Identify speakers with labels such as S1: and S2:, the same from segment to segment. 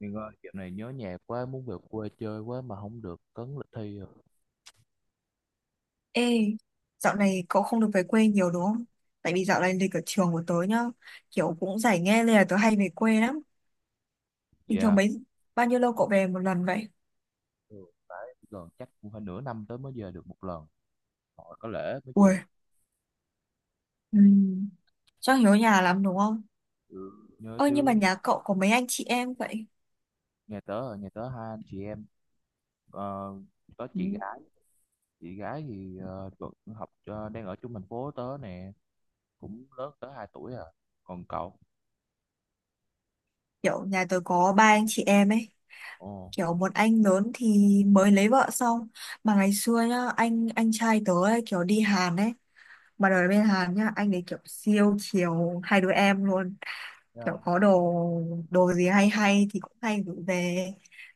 S1: Nhưng ơi, dạo này nhớ nhà quá, muốn về quê chơi quá mà không được, cấn lịch thi rồi.
S2: Ê, dạo này cậu không được về quê nhiều đúng không? Tại vì dạo này lịch ở trường của tớ nhá, kiểu cũng giải nghe nên là tớ hay về quê lắm. Bình thường
S1: Dạ,
S2: mấy, bao nhiêu lâu cậu về một lần vậy?
S1: ừ, phải gần chắc cũng phải nửa năm tới mới về được một lần. Họ có lễ mới về.
S2: Ui, ừm, chắc nhớ nhà lắm đúng không?
S1: Ừ, nhớ
S2: Ơ nhưng mà
S1: chứ,
S2: nhà cậu có mấy anh chị em vậy?
S1: nhà tớ hai anh chị em, ờ, có
S2: Ừ,
S1: chị gái. Chị gái thì vẫn học đang ở chung thành phố tớ nè, cũng lớn tới hai tuổi à. Còn cậu?
S2: kiểu nhà tớ có ba anh chị em ấy,
S1: Ồ.
S2: kiểu một anh lớn thì mới lấy vợ xong. Mà ngày xưa nhá, anh trai tớ ấy, kiểu đi Hàn ấy, mà đời bên Hàn nhá, anh ấy kiểu siêu chiều hai đứa em luôn. Kiểu
S1: Dạ.
S2: có đồ đồ gì hay hay thì cũng hay gửi về,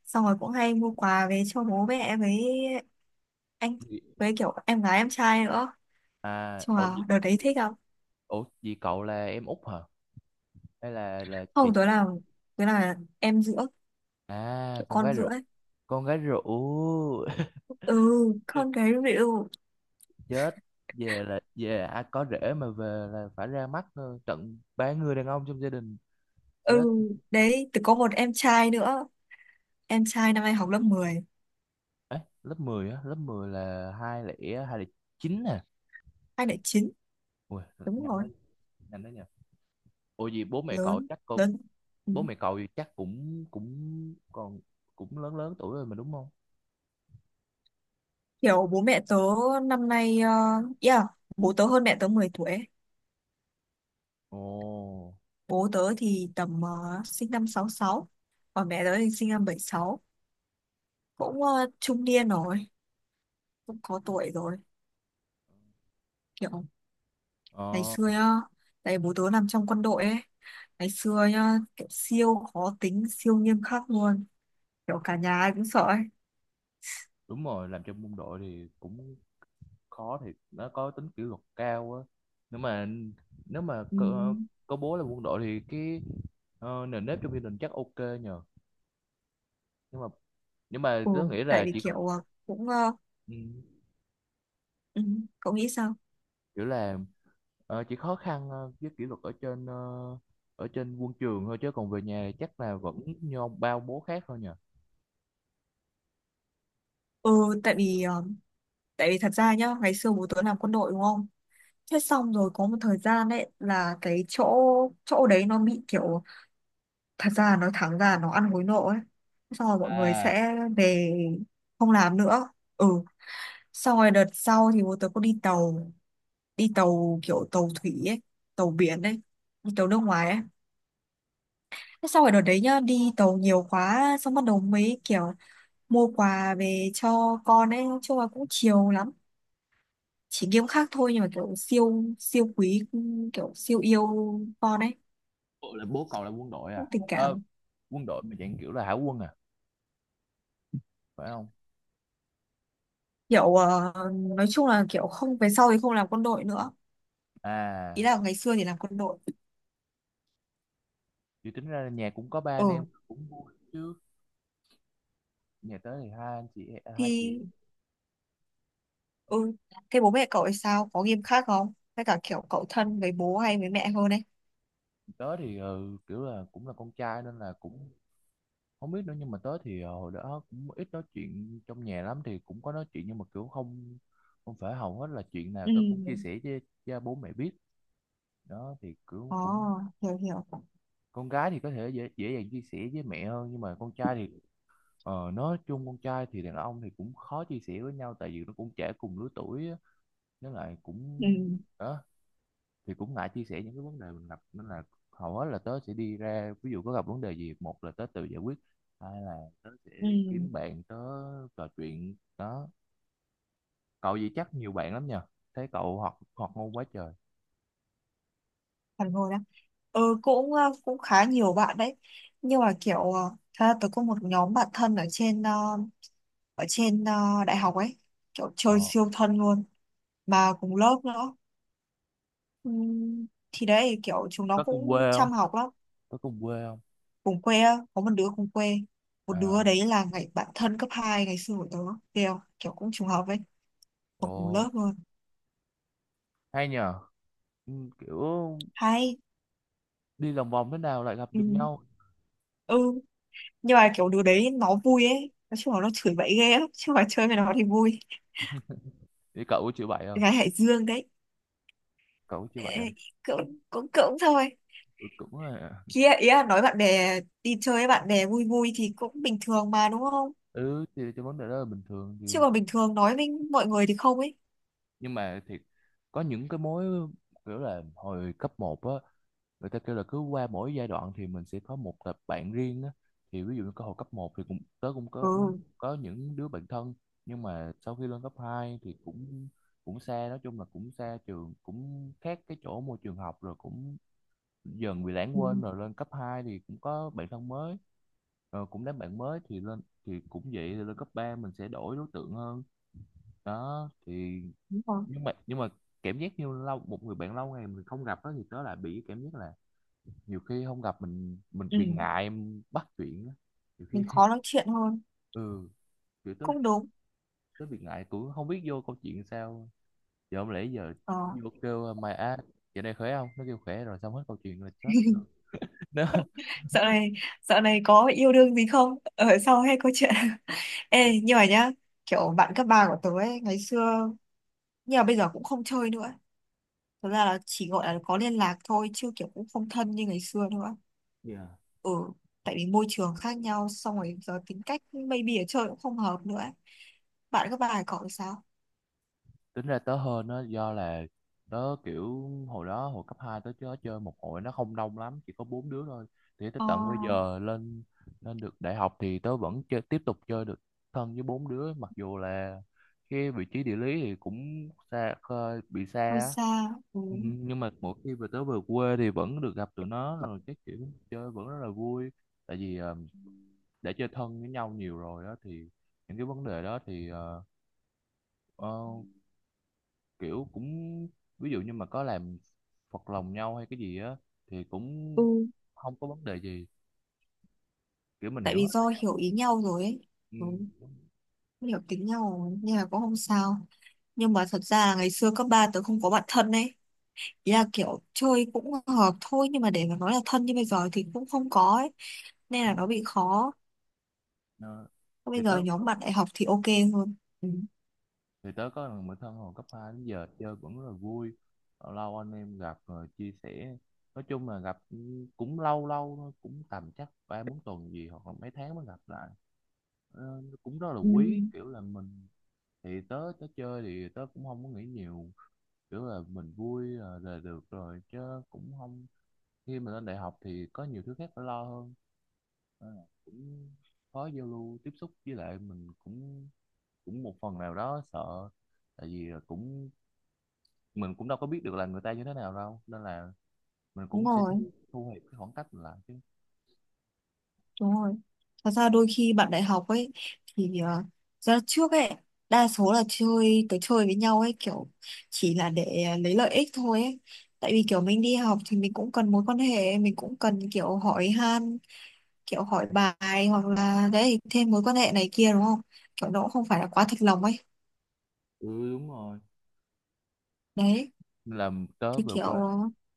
S2: xong rồi cũng hay mua quà về cho bố mẹ với anh,
S1: Gì-
S2: với kiểu em gái em trai nữa.
S1: À,
S2: Chung
S1: ủa,
S2: là
S1: gì-
S2: đợt đấy thích không?
S1: ủa, gì cậu là em út hả? Hay là chị
S2: Không,
S1: dượng?
S2: tối là em giữa,
S1: À,
S2: kiểu
S1: con
S2: con
S1: gái
S2: giữa
S1: ruột.
S2: ấy.
S1: Con gái ruột.
S2: Ừ, con gái ví dụ.
S1: Chết, về là về ai có rể mà về là phải ra mắt tận ba người đàn ông trong gia đình. Chết
S2: Ừ, đấy từ có một em trai nữa, em trai năm nay học lớp 10.
S1: ấy, lớp 10 á, lớp mười là hai lẻ chín nè.
S2: Anh lại chín.
S1: Ui,
S2: Đúng
S1: nhanh
S2: rồi.
S1: đấy, nhỉ. Ủa gì bố mẹ cậu
S2: Lớn,
S1: chắc cậu,
S2: lớn, ừ.
S1: bố mẹ cậu thì chắc cũng cũng còn, cũng lớn lớn tuổi rồi mà đúng không.
S2: Kiểu bố mẹ tớ năm nay, yeah, bố tớ hơn mẹ tớ 10 tuổi ấy.
S1: Ồ,
S2: Bố tớ thì tầm sinh năm 1966, còn mẹ tớ thì sinh năm 1976. Cũng trung niên rồi, cũng có tuổi rồi. Kiểu ngày
S1: ờ,
S2: xưa nhá, tại bố tớ làm trong quân đội ấy, ngày xưa nhá, kiểu siêu khó tính, siêu nghiêm khắc luôn, kiểu cả nhà ai cũng sợ ấy.
S1: đúng rồi, làm trong quân đội thì cũng khó, thì nó có tính kỷ luật cao á. Nếu mà nếu mà
S2: Ừ,
S1: có bố là quân đội thì cái, nền nếp trong gia đình chắc ok nhờ. Nhưng mà
S2: ừ,
S1: tớ nghĩ
S2: tại
S1: là
S2: vì kiểu cũng,
S1: ừ,
S2: ừ, cậu nghĩ sao?
S1: kiểu là chỉ khó khăn với kỷ luật ở trên ở trên quân trường thôi chứ còn về nhà chắc là vẫn như ông bao bố khác thôi nhờ.
S2: Ừ, tại vì, tại vì thật ra nhá, ngày xưa bố tớ làm quân đội đúng không? Thế xong rồi có một thời gian đấy là cái chỗ chỗ đấy nó bị kiểu, thật ra nói thẳng ra nó ăn hối lộ ấy, xong rồi mọi người
S1: À,
S2: sẽ về không làm nữa. Ừ, xong rồi đợt sau thì bố tớ có đi tàu, đi tàu kiểu tàu thủy ấy, tàu biển ấy, đi tàu nước ngoài ấy. Thế xong rồi đợt đấy nhá đi tàu nhiều quá xong bắt đầu mấy kiểu mua quà về cho con ấy, nói chung là cũng chiều lắm, chỉ nghiêm khắc thôi nhưng mà kiểu siêu siêu quý, kiểu siêu yêu con ấy,
S1: bộ là bố cậu là quân đội à,
S2: cũng tình cảm.
S1: quân đội mà dạng kiểu là hải quân à, phải không
S2: Kiểu nói chung là kiểu không, về sau thì không làm quân đội nữa, ý
S1: à?
S2: là ngày xưa thì làm quân đội.
S1: Chỉ tính ra là nhà cũng có ba anh em
S2: Ừ,
S1: cũng vui chứ. Nhà tớ thì hai anh chị, hai chị
S2: thì
S1: em.
S2: ừ, thế bố mẹ cậu thì sao, có nghiêm khắc không, hay cả kiểu cậu thân với bố hay với mẹ hơn ấy?
S1: Tớ thì kiểu là cũng là con trai nên là cũng không biết nữa, nhưng mà tớ thì hồi đó cũng ít nói chuyện trong nhà lắm, thì cũng có nói chuyện nhưng mà kiểu không, không phải hầu hết là chuyện nào
S2: Ừ.
S1: tớ cũng chia sẻ với cha bố mẹ biết. Đó thì kiểu
S2: Ồ,
S1: cũng,
S2: hiểu hiểu.
S1: con gái thì có thể dễ dàng chia sẻ với mẹ hơn nhưng mà con trai thì nói chung con trai thì đàn ông thì cũng khó chia sẻ với nhau tại vì nó cũng trẻ cùng lứa tuổi á. Với lại cũng,
S2: Ừ.
S1: đó thì cũng ngại chia sẻ những cái vấn đề mình gặp nên là hầu hết là tớ sẽ đi ra, ví dụ có gặp vấn đề gì một là tớ tự giải quyết, hai là tớ sẽ
S2: Ừ,
S1: kiếm bạn tớ trò chuyện đó. Cậu gì chắc nhiều bạn lắm nhờ, thấy cậu học học ngôn quá trời.
S2: phản hồi đó. Ừ, cũng cũng khá nhiều bạn đấy, nhưng mà kiểu thật ra tôi có một nhóm bạn thân ở trên đại học ấy, kiểu chơi
S1: Ờ,
S2: siêu thân luôn, mà cùng lớp nữa. Ừ, thì đấy kiểu chúng nó
S1: có cùng quê
S2: cũng
S1: không?
S2: chăm học lắm.
S1: có cùng quê không
S2: Cùng quê á, có một đứa cùng quê, một đứa
S1: À,
S2: đấy là ngày bạn thân cấp 2 ngày xưa của tớ, kiểu kiểu cũng trùng hợp ấy, học cùng
S1: ồ,
S2: lớp luôn.
S1: hay nhờ. Ừ, kiểu
S2: Hay.
S1: đi lòng vòng thế nào lại gặp
S2: Ừ.
S1: được nhau.
S2: Ừ, nhưng mà kiểu đứa đấy nó vui ấy, nói chung là nó chửi bậy ghê lắm chứ, mà chơi với nó thì vui.
S1: Thì cậu có chịu bậy không?
S2: Gái Hải Dương đấy.
S1: cậu có chịu bậy
S2: Ê,
S1: không
S2: cũng cũng cũng thôi.
S1: ừ, cũng là-
S2: Kia ý là nói bạn bè, đi chơi với bạn bè vui vui thì cũng bình thường mà đúng không?
S1: ừ thì cái vấn đề đó là bình thường
S2: Chứ còn
S1: thì,
S2: bình thường nói với mọi người thì không ấy.
S1: nhưng mà thiệt có những cái mối, kiểu là hồi cấp một á, người ta kêu là cứ qua mỗi giai đoạn thì mình sẽ có một tập bạn riêng á. Thì ví dụ như có hồi cấp một thì cũng, tớ cũng
S2: Ừ,
S1: có những đứa bạn thân, nhưng mà sau khi lên cấp 2 thì cũng, cũng xa, nói chung là cũng xa trường, cũng khác cái chỗ môi trường học rồi cũng dần bị lãng
S2: ừ
S1: quên, rồi lên cấp 2 thì cũng có bạn thân mới. Ờ, cũng đám bạn mới thì lên thì cũng vậy, thì lên cấp 3 mình sẽ đổi đối tượng hơn đó thì,
S2: đúng rồi.
S1: nhưng mà cảm giác như lâu, một người bạn lâu ngày mình không gặp đó thì tớ lại bị cảm giác là nhiều khi không gặp mình
S2: Ừ,
S1: bị ngại em bắt chuyện á, nhiều
S2: mình
S1: khi
S2: khó nói chuyện hơn.
S1: ừ kiểu tớ,
S2: Cũng đúng.
S1: tớ bị ngại, cũng không biết vô câu chuyện sao. Giờ không lẽ giờ
S2: Ờ.
S1: vô kêu mày á, giờ này khỏe không, nó kêu khỏe rồi xong hết câu chuyện là chết rồi. Nó,
S2: dạo này Dạo này có yêu đương gì không ở sau hay có chuyện? Ê nhưng mà nhá, kiểu bạn cấp ba của tớ ấy ngày xưa, nhưng mà bây giờ cũng không chơi nữa, thật ra là chỉ gọi là có liên lạc thôi chứ kiểu cũng không thân như ngày xưa nữa.
S1: dạ.
S2: Ừ, tại vì môi trường khác nhau, xong rồi giờ tính cách maybe ở chơi cũng không hợp nữa ấy. Bạn cấp ba này cậu thì sao?
S1: Tính ra tớ hơn nó do là tớ kiểu hồi đó hồi cấp 2 tớ chơi chơi một hội nó không đông lắm, chỉ có bốn đứa thôi, thì tới
S2: Ờ,
S1: tận bây giờ lên, lên được đại học thì tớ vẫn chơi, tiếp tục chơi được, thân với bốn đứa. Mặc dù là cái vị trí địa lý thì cũng xa, khơi bị xa
S2: hơi
S1: á.
S2: xa. Ừ.
S1: Ừ, nhưng mà mỗi khi về, tớ về quê thì vẫn được gặp tụi nó, rồi cái kiểu chơi vẫn rất là vui, tại vì đã chơi thân với nhau nhiều rồi đó thì những cái vấn đề đó thì uh, kiểu cũng, ví dụ như mà có làm phật lòng nhau hay cái gì á thì cũng
S2: Ừ,
S1: không có vấn đề gì, kiểu mình
S2: tại
S1: hiểu
S2: vì
S1: hết về
S2: do
S1: nhau.
S2: hiểu ý nhau rồi ấy.
S1: Ừ.
S2: Ừ. Hiểu tính nhau rồi, nên là cũng không sao. Nhưng mà thật ra là ngày xưa cấp 3 tớ không có bạn thân ấy. Ý là kiểu chơi cũng hợp thôi nhưng mà để mà nói là thân như bây giờ thì cũng không có ấy. Nên
S1: Ừ.
S2: là nó bị khó.
S1: Ờ, thì
S2: Bây giờ
S1: tớ,
S2: nhóm bạn đại học thì ok hơn. Ừ.
S1: có thằng bạn thân hồi cấp 2 đến giờ chơi vẫn rất là vui, lâu lâu anh em gặp rồi chia sẻ, nói chung là gặp cũng lâu lâu thôi, cũng tầm chắc ba bốn tuần gì hoặc là mấy tháng mới gặp lại. Ờ, nó cũng rất là
S2: Ừ.
S1: quý, kiểu là mình, thì tớ tớ chơi thì tớ cũng không có nghĩ nhiều, kiểu là mình vui là được rồi chứ, cũng không, khi mình lên đại học thì có nhiều thứ khác phải lo hơn. Nên là cũng khó giao lưu tiếp xúc, với lại mình cũng, cũng một phần nào đó sợ, tại vì là cũng, mình cũng đâu có biết được là người ta như thế nào đâu nên là mình
S2: Đúng
S1: cũng sẽ
S2: rồi,
S1: thu thu hẹp cái khoảng cách mình lại chứ.
S2: đúng rồi. Thật ra đôi khi bạn đại học ấy thì ra trước ấy đa số là chơi tới chơi với nhau ấy, kiểu chỉ là để lấy lợi ích thôi ấy. Tại vì kiểu mình đi học thì mình cũng cần mối quan hệ, mình cũng cần kiểu hỏi han, kiểu hỏi bài hoặc là đấy thêm mối quan hệ này kia đúng không? Kiểu nó cũng không phải là quá thật lòng ấy.
S1: Ừ, đúng rồi.
S2: Đấy
S1: Nên là tớ
S2: thì
S1: về
S2: kiểu
S1: quê,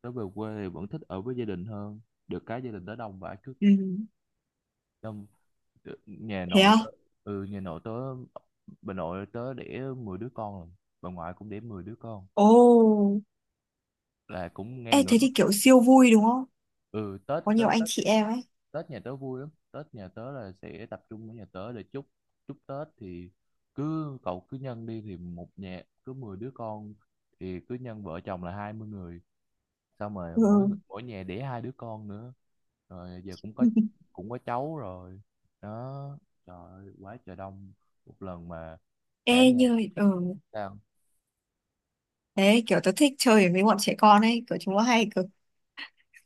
S1: thì vẫn thích ở với gia đình hơn, được cái gia đình tớ đông vãi, cứ
S2: ừ,
S1: đông. Ừ, nhà
S2: thế
S1: nội
S2: à.
S1: tớ, ừ nhà nội tớ bà nội tớ đẻ 10 đứa con rồi, bà ngoại cũng đẻ 10 đứa con,
S2: Ồ.
S1: là cũng
S2: Ê
S1: ngang
S2: thế
S1: ngửa.
S2: thì kiểu siêu vui đúng không,
S1: Ừ, Tết
S2: có nhiều
S1: Tết
S2: anh
S1: Tết
S2: chị em ấy.
S1: Tết nhà tớ vui lắm, Tết nhà tớ là sẽ tập trung ở nhà tớ để chúc, chúc Tết thì cứ cậu cứ nhân đi, thì một nhà cứ 10 đứa con, thì cứ nhân vợ chồng là 20 người, xong rồi
S2: Ừ.
S1: mỗi mỗi nhà đẻ hai đứa con nữa, rồi giờ cũng có, cũng có cháu rồi đó. Trời ơi, quá trời đông, một lần mà
S2: Ê
S1: cả,
S2: như, ừ
S1: sao?
S2: thế kiểu tớ thích chơi với bọn trẻ con ấy, kiểu chúng nó hay kiểu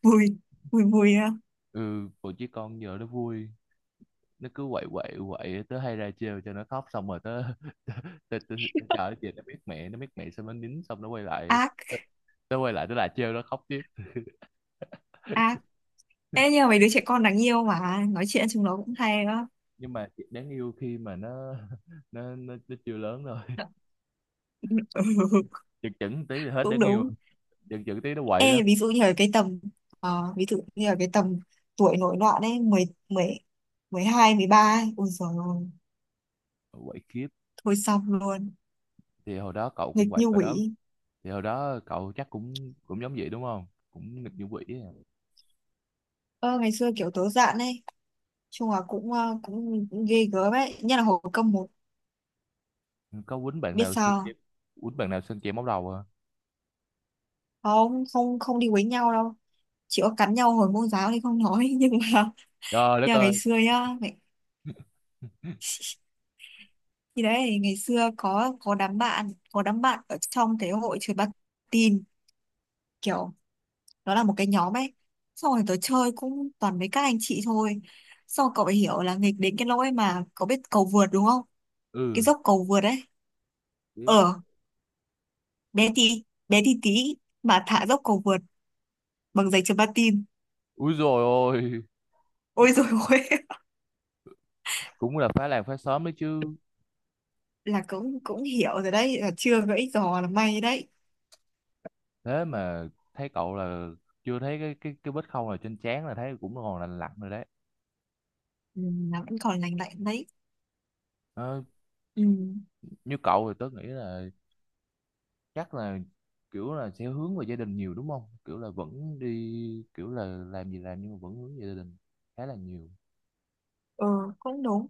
S2: vui, vui vui á.
S1: Ừ còn chứ, con giờ nó vui, nó cứ quậy quậy quậy, tớ hay ra trêu cho nó khóc xong rồi tớ tớ tớ, tớ chờ chị nó biết, mẹ nó biết mẹ, xong nó nín xong nó quay lại tớ,
S2: Ác.
S1: tớ quay lại tớ lại trêu nó khóc tiếp.
S2: Ác. Ê nhưng mà mấy đứa trẻ con đáng yêu mà, nói chuyện chúng nó cũng hay đó.
S1: Nhưng mà chị đáng yêu khi mà nó nó chưa lớn rồi,
S2: Ừ,
S1: chừng chừng tí là hết
S2: cũng
S1: đáng yêu,
S2: đúng.
S1: chừng chừng tí nó quậy lắm,
S2: Ê ví dụ như ở cái tầm ờ, Ví dụ như ở cái tầm tuổi nổi loạn ấy, mười mười 12 13 ấy, ôi giời ơi
S1: quậy khiếp.
S2: thôi xong luôn,
S1: Thì hồi đó cậu cũng
S2: nghịch
S1: quậy
S2: như
S1: rồi đó,
S2: quỷ.
S1: thì hồi đó cậu chắc cũng cũng giống vậy đúng không, cũng nghịch như quỷ.
S2: Ơ ngày xưa kiểu tớ dạn ấy, chung là cũng cũng ghê gớm ấy, nhất là hồi cấp một.
S1: À, có quýnh bạn
S2: Biết
S1: nào sơn
S2: sao
S1: kem, móc đầu à?
S2: không? Không, không, đi quấy nhau đâu, chỉ có cắn nhau hồi môn giáo thì không nói. nhưng mà
S1: Trời đất
S2: nhưng mà ngày
S1: ơi,
S2: xưa nhá, thì đấy ngày xưa có đám bạn ở trong cái hội chơi bắn tin, kiểu nó là một cái nhóm ấy, xong rồi tớ chơi cũng toàn mấy các anh chị thôi. Xong rồi cậu phải hiểu là nghịch đến cái lỗi mà cậu biết cầu vượt đúng không? Cái
S1: ừ
S2: dốc cầu vượt ấy.
S1: biết.
S2: Ờ, bé tí, bé tí tí mà thả dốc cầu vượt bằng giày chấm patin.
S1: Úi dồi ôi,
S2: Ôi rồi ôi.
S1: cũng là phá làng phá xóm đấy chứ.
S2: Là cũng cũng hiểu rồi đấy, là chưa gãy giò là may đấy.
S1: Thế mà thấy cậu là chưa thấy cái vết khâu nào trên trán, là thấy cũng còn lành lặn rồi đấy.
S2: Ừ, là vẫn còn lành lạnh đấy.
S1: Ờ,
S2: Ừ,
S1: như cậu thì tớ nghĩ là chắc là kiểu là sẽ hướng về gia đình nhiều đúng không, kiểu là vẫn đi, kiểu là làm gì làm nhưng mà vẫn hướng về gia đình khá là nhiều.
S2: ừ cũng đúng.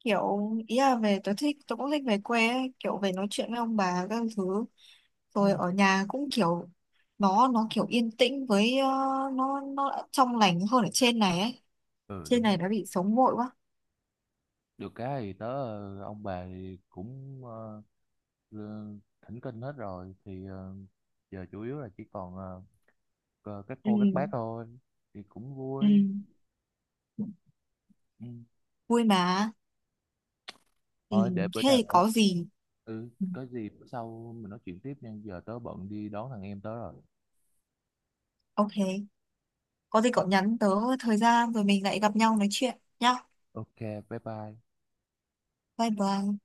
S2: Kiểu ý là về tôi thích, tôi cũng thích về quê ấy, kiểu về nói chuyện với ông bà các thứ, rồi
S1: Ừ,
S2: ở nhà cũng kiểu, nó kiểu yên tĩnh với nó đã trong lành hơn ở trên này ấy.
S1: ừ
S2: Trên
S1: đúng.
S2: này đã bị sống vội quá.
S1: Được cái thì tớ ông bà thì cũng lơ- thỉnh kinh hết rồi thì giờ chủ yếu là chỉ còn các
S2: Ừ,
S1: cô các bác thôi, thì cũng
S2: ừ.
S1: vui. Ừ.
S2: Vui mà. Ừ,
S1: Thôi để bữa
S2: thế
S1: nào,
S2: thì có gì?
S1: ừ,
S2: Ừ,
S1: có gì bữa sau mình nói chuyện tiếp nha, giờ tớ bận đi đón thằng em tớ rồi.
S2: ok, có gì cậu nhắn tớ, thời gian rồi mình lại gặp nhau nói chuyện nhá.
S1: Ok, bye bye.
S2: Bye bye.